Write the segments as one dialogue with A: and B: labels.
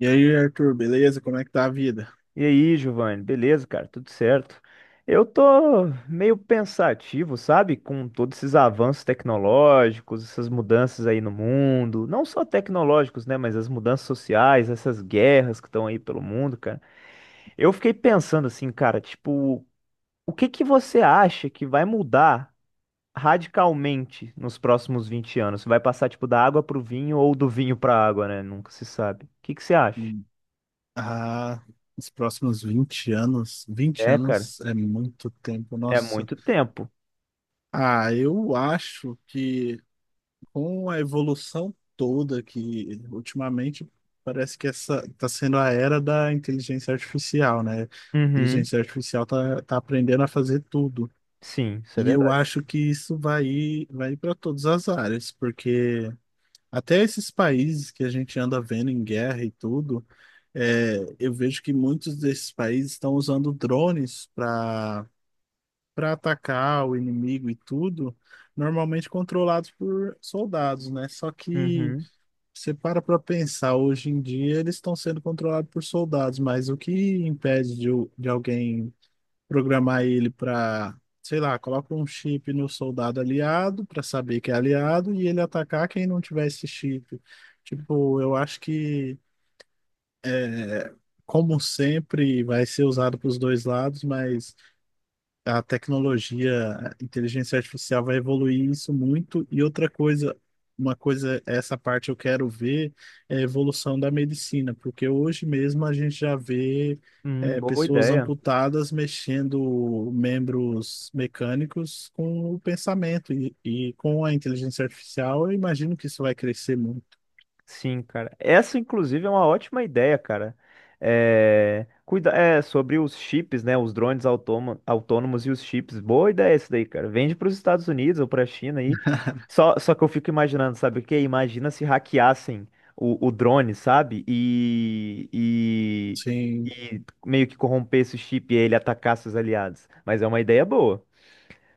A: E aí, Arthur, beleza? Como é que tá a vida?
B: E aí, Giovanni, beleza, cara? Tudo certo? Eu tô meio pensativo, sabe? Com todos esses avanços tecnológicos, essas mudanças aí no mundo, não só tecnológicos, né? Mas as mudanças sociais, essas guerras que estão aí pelo mundo, cara. Eu fiquei pensando assim, cara, tipo, o que que você acha que vai mudar radicalmente nos próximos 20 anos? Vai passar, tipo, da água pro vinho ou do vinho pra água, né? Nunca se sabe. O que que você acha?
A: Hum, Ah, os próximos 20 anos, 20
B: É, cara,
A: anos é muito tempo,
B: é
A: nossa.
B: muito tempo.
A: Ah, eu acho que com a evolução toda que ultimamente parece que essa está sendo a era da inteligência artificial, né? A
B: Uhum.
A: inteligência artificial tá aprendendo a fazer tudo.
B: Sim, isso é
A: E eu
B: verdade.
A: acho que isso vai para todas as áreas, porque até esses países que a gente anda vendo em guerra e tudo, é, eu vejo que muitos desses países estão usando drones para atacar o inimigo e tudo, normalmente controlados por soldados, né? Só que
B: Uhum.
A: você para pensar, hoje em dia eles estão sendo controlados por soldados, mas o que impede de alguém programar ele para, sei lá, coloca um chip no soldado aliado para saber que é aliado e ele atacar quem não tiver esse chip. Tipo, eu acho que, é, como sempre, vai ser usado para os dois lados, mas a tecnologia, a inteligência artificial vai evoluir isso muito. E outra coisa, uma coisa, essa parte eu quero ver é a evolução da medicina, porque hoje mesmo a gente já vê é,
B: Boa
A: pessoas
B: ideia.
A: amputadas mexendo membros mecânicos com o pensamento e com a inteligência artificial, eu imagino que isso vai crescer muito.
B: Sim, cara. Essa, inclusive, é uma ótima ideia, cara. É sobre os chips, né? Os drones autônomos e os chips. Boa ideia isso daí, cara. Vende para os Estados Unidos ou para a China aí. Só que eu fico imaginando, sabe o quê? Imagina se hackeassem o drone, sabe? E... e...
A: Sim,
B: e meio que corrompesse o chip e ele atacasse os aliados. Mas é uma ideia boa.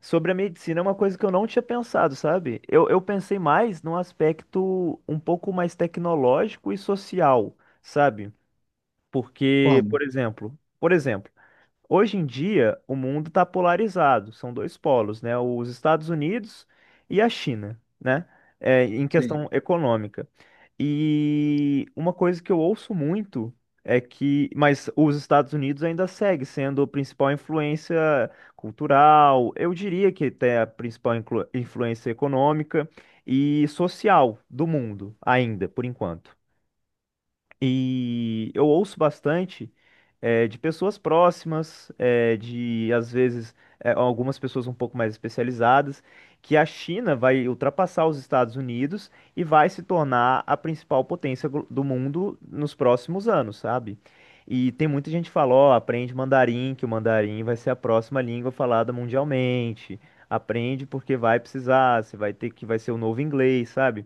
B: Sobre a medicina é uma coisa que eu não tinha pensado, sabe? Eu pensei mais num aspecto um pouco mais tecnológico e social, sabe? Porque,
A: como?
B: por exemplo, hoje em dia, o mundo está polarizado, são dois polos, né? Os Estados Unidos e a China, né? É, em
A: Sim.
B: questão econômica. E uma coisa que eu ouço muito é que, mas os Estados Unidos ainda segue sendo a principal influência cultural, eu diria que até a principal influência econômica e social do mundo, ainda, por enquanto. E eu ouço bastante de pessoas próximas, de às vezes algumas pessoas um pouco mais especializadas, que a China vai ultrapassar os Estados Unidos e vai se tornar a principal potência do mundo nos próximos anos, sabe? E tem muita gente que fala, ó, aprende mandarim, que o mandarim vai ser a próxima língua falada mundialmente. Aprende porque vai precisar, você vai ter que vai ser o novo inglês, sabe?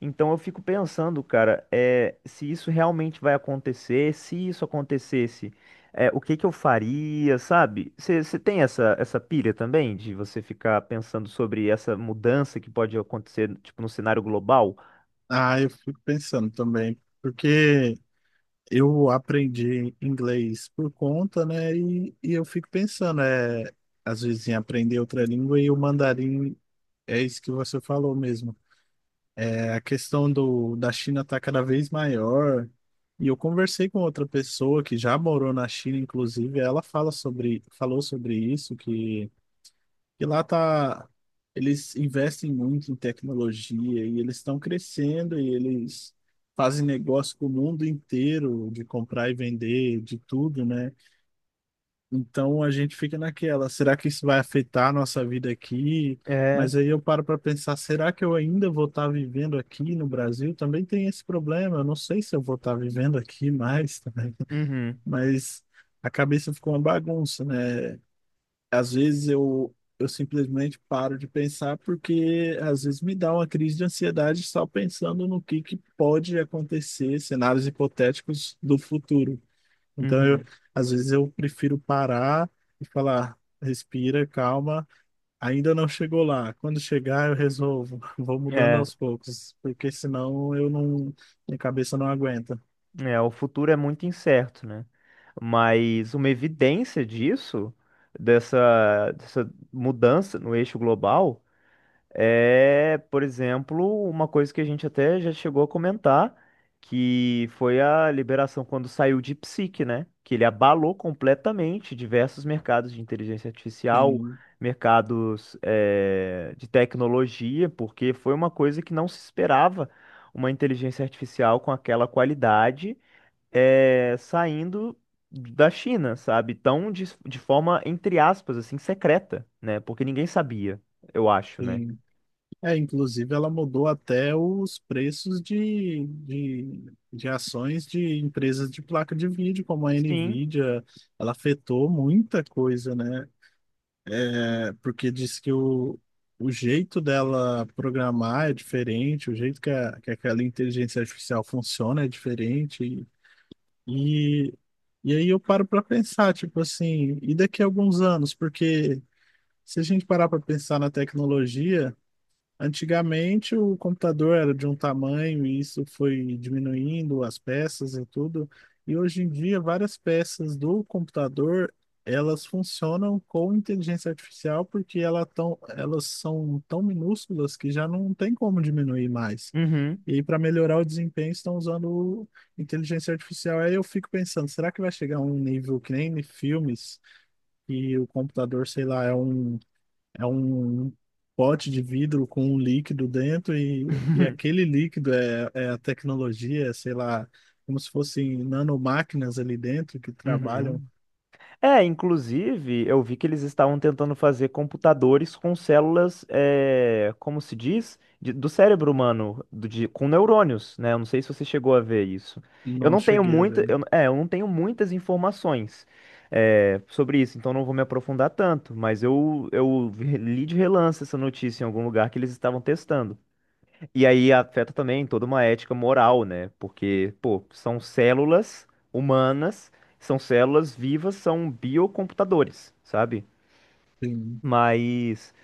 B: Então eu fico pensando, cara, se isso realmente vai acontecer, se isso acontecesse, o que que eu faria, sabe? Você tem essa pilha também de você ficar pensando sobre essa mudança que pode acontecer, tipo, no cenário global?
A: Ah, eu fico pensando também, porque eu aprendi inglês por conta, né? E eu fico pensando, é, às vezes em aprender outra língua e o mandarim é isso que você falou mesmo. É, a questão da China está cada vez maior. E eu conversei com outra pessoa que já morou na China, inclusive, ela fala sobre, falou sobre isso, que e lá tá, eles investem muito em tecnologia e eles estão crescendo e eles fazem negócio com o mundo inteiro de comprar e vender, de tudo, né? Então a gente fica naquela, será que isso vai afetar a nossa vida aqui?
B: É.
A: Mas aí eu paro para pensar, será que eu ainda vou estar vivendo aqui no Brasil? Também tem esse problema, eu não sei se eu vou estar vivendo aqui mais,
B: Uhum.
A: mas a cabeça ficou uma bagunça, né? Às vezes eu simplesmente paro de pensar porque às vezes me dá uma crise de ansiedade só pensando no que pode acontecer, cenários hipotéticos do futuro. Então, eu,
B: Uhum.
A: às vezes eu prefiro parar e falar, respira, calma, ainda não chegou lá. Quando chegar, eu resolvo, vou mudando
B: É,
A: aos poucos, porque senão eu não, minha cabeça não aguenta.
B: é, o futuro é muito incerto, né? Mas uma evidência disso, dessa mudança no eixo global. É, por exemplo, uma coisa que a gente até já chegou a comentar, que foi a liberação quando saiu de DeepSeek, né? Que ele abalou completamente diversos mercados de inteligência artificial,
A: Sim,
B: mercados, de tecnologia, porque foi uma coisa que não se esperava uma inteligência artificial com aquela qualidade, saindo da China, sabe? Tão de forma, entre aspas, assim, secreta, né? Porque ninguém sabia, eu acho, né?
A: sim. É, inclusive ela mudou até os preços de ações de empresas de placa de vídeo, como a
B: Sim.
A: Nvidia, ela afetou muita coisa, né? É, porque diz que o jeito dela programar é diferente, o jeito que aquela inteligência artificial funciona é diferente. E, e aí eu paro para pensar, tipo assim, e daqui a alguns anos? Porque se a gente parar para pensar na tecnologia, antigamente o computador era de um tamanho e isso foi diminuindo as peças e tudo. E hoje em dia várias peças do computador elas funcionam com inteligência artificial porque elas são tão minúsculas que já não tem como diminuir mais.
B: Uhum.
A: E para melhorar o desempenho estão usando inteligência artificial. Aí eu fico pensando, será que vai chegar a um nível que nem em filmes e o computador, sei lá, é é um um pote de vidro com um líquido dentro e aquele líquido é a tecnologia, é, sei lá, como se fossem nanomáquinas ali dentro que trabalham.
B: Uhum. É, inclusive, eu vi que eles estavam tentando fazer computadores com células, é, como se diz, do cérebro humano, com neurônios, né? Eu não sei se você chegou a ver isso. Eu
A: Não
B: não tenho
A: cheguei a
B: muita,
A: ver.
B: eu, é, eu não tenho muitas informações, sobre isso, então não vou me aprofundar tanto, mas eu li de relance essa notícia em algum lugar que eles estavam testando. E aí afeta também toda uma ética moral, né? Porque, pô, são células humanas, são células vivas, são biocomputadores, sabe?
A: Sim,
B: Mas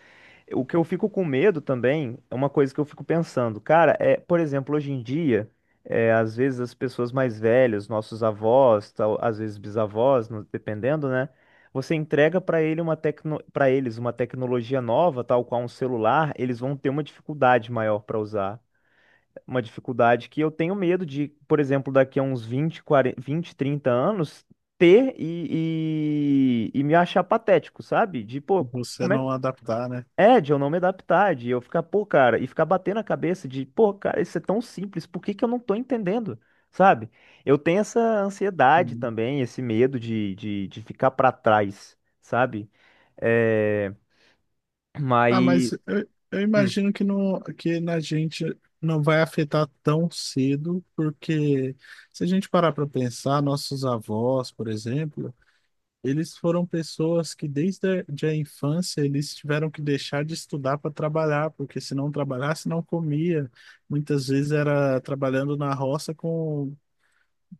B: o que eu fico com medo também é uma coisa que eu fico pensando, cara, por exemplo, hoje em dia, às vezes as pessoas mais velhas, nossos avós, tal, às vezes bisavós, dependendo, né? Você entrega para eles uma tecnologia nova, tal qual um celular, eles vão ter uma dificuldade maior para usar uma dificuldade que eu tenho medo de, por exemplo, daqui a uns 20 40, 20, 30 anos, ter e me achar patético, sabe? De, pô,
A: você
B: como é que.
A: não adaptar, né?
B: É, de eu não me adaptar, de eu ficar, pô, cara, e ficar batendo a cabeça de, pô, cara, isso é tão simples, por que que eu não tô entendendo, sabe? Eu tenho essa ansiedade
A: Sim.
B: também, esse medo de ficar pra trás, sabe? É, mas.
A: Ah, mas eu
B: Hum.
A: imagino que, não, que na gente não vai afetar tão cedo, porque se a gente parar para pensar, nossos avós, por exemplo, eles foram pessoas que desde a infância eles tiveram que deixar de estudar para trabalhar, porque se não trabalhasse, não comia. Muitas vezes era trabalhando na roça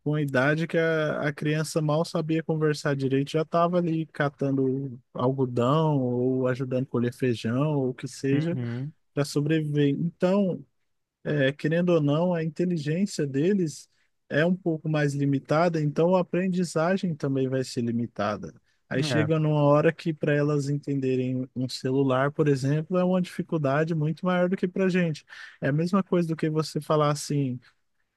A: com a idade que a criança mal sabia conversar direito, já estava ali catando algodão ou ajudando a colher feijão ou o que seja
B: Uhum.
A: para sobreviver. Então, é, querendo ou não, a inteligência deles é um pouco mais limitada, então a aprendizagem também vai ser limitada. Aí
B: É.
A: chega numa hora que para elas entenderem um celular, por exemplo, é uma dificuldade muito maior do que para a gente. É a mesma coisa do que você falar assim: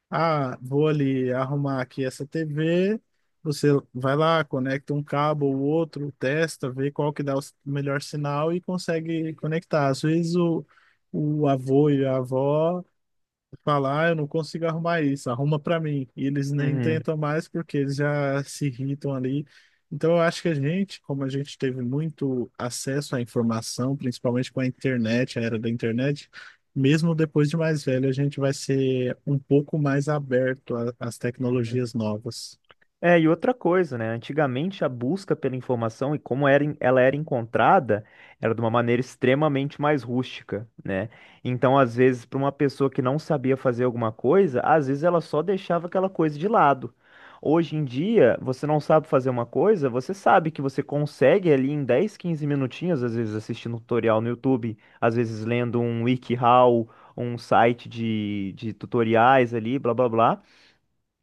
A: ah, vou ali arrumar aqui essa TV. Você vai lá, conecta um cabo ou outro, testa, vê qual que dá o melhor sinal e consegue conectar. Às vezes o avô e a avó falar, "Ah, eu não consigo arrumar isso, arruma para mim. E eles nem
B: Uhum.
A: tentam mais porque eles já se irritam ali. Então eu acho que a gente, como a gente teve muito acesso à informação, principalmente com a internet, a era da internet, mesmo depois de mais velho, a gente vai ser um pouco mais aberto às
B: Uhum.
A: tecnologias novas.
B: É, e outra coisa, né? Antigamente a busca pela informação e como era, ela era encontrada era de uma maneira extremamente mais rústica, né? Então, às vezes, para uma pessoa que não sabia fazer alguma coisa, às vezes ela só deixava aquela coisa de lado. Hoje em dia, você não sabe fazer uma coisa, você sabe que você consegue ali em 10, 15 minutinhos, às vezes assistindo um tutorial no YouTube, às vezes lendo um WikiHow, um site de tutoriais ali, blá blá blá.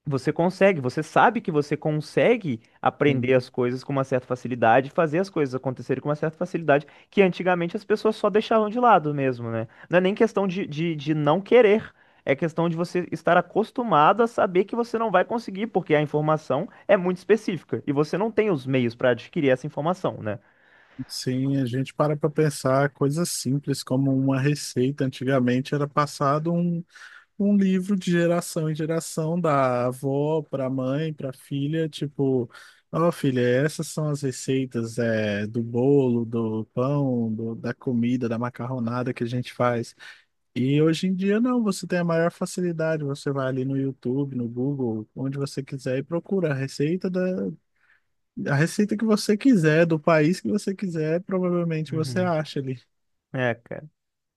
B: Você consegue, você sabe que você consegue aprender
A: Sim.
B: as coisas com uma certa facilidade, fazer as coisas acontecerem com uma certa facilidade, que antigamente as pessoas só deixavam de lado mesmo, né? Não é nem questão de não querer, é questão de você estar acostumado a saber que você não vai conseguir, porque a informação é muito específica e você não tem os meios para adquirir essa informação, né?
A: Sim, a gente para pensar coisas simples como uma receita. Antigamente era passado um livro de geração em geração, da avó para mãe, para filha, tipo, ó, filha, essas são as receitas é, do bolo, do pão, da comida, da macarronada que a gente faz. E hoje em dia não, você tem a maior facilidade, você vai ali no YouTube, no Google, onde você quiser e procura a receita a receita que você quiser, do país que você quiser, provavelmente você
B: Uhum.
A: acha ali.
B: É, cara.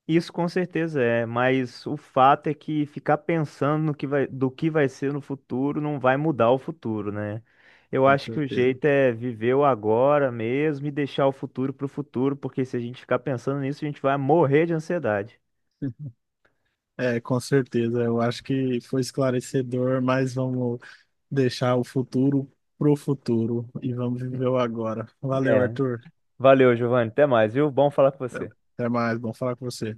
B: Isso com certeza é, mas o fato é que ficar pensando no que vai, do que vai ser no futuro não vai mudar o futuro, né? Eu
A: Com
B: acho que o
A: certeza.
B: jeito é viver o agora mesmo e deixar o futuro pro futuro, porque se a gente ficar pensando nisso, a gente vai morrer de ansiedade.
A: É, com certeza. Eu acho que foi esclarecedor, mas vamos deixar o futuro pro futuro e vamos viver o agora. Valeu,
B: É.
A: Arthur.
B: Valeu, Giovanni. Até mais, viu? Bom falar com
A: Até
B: você.
A: Até mais, bom falar com você.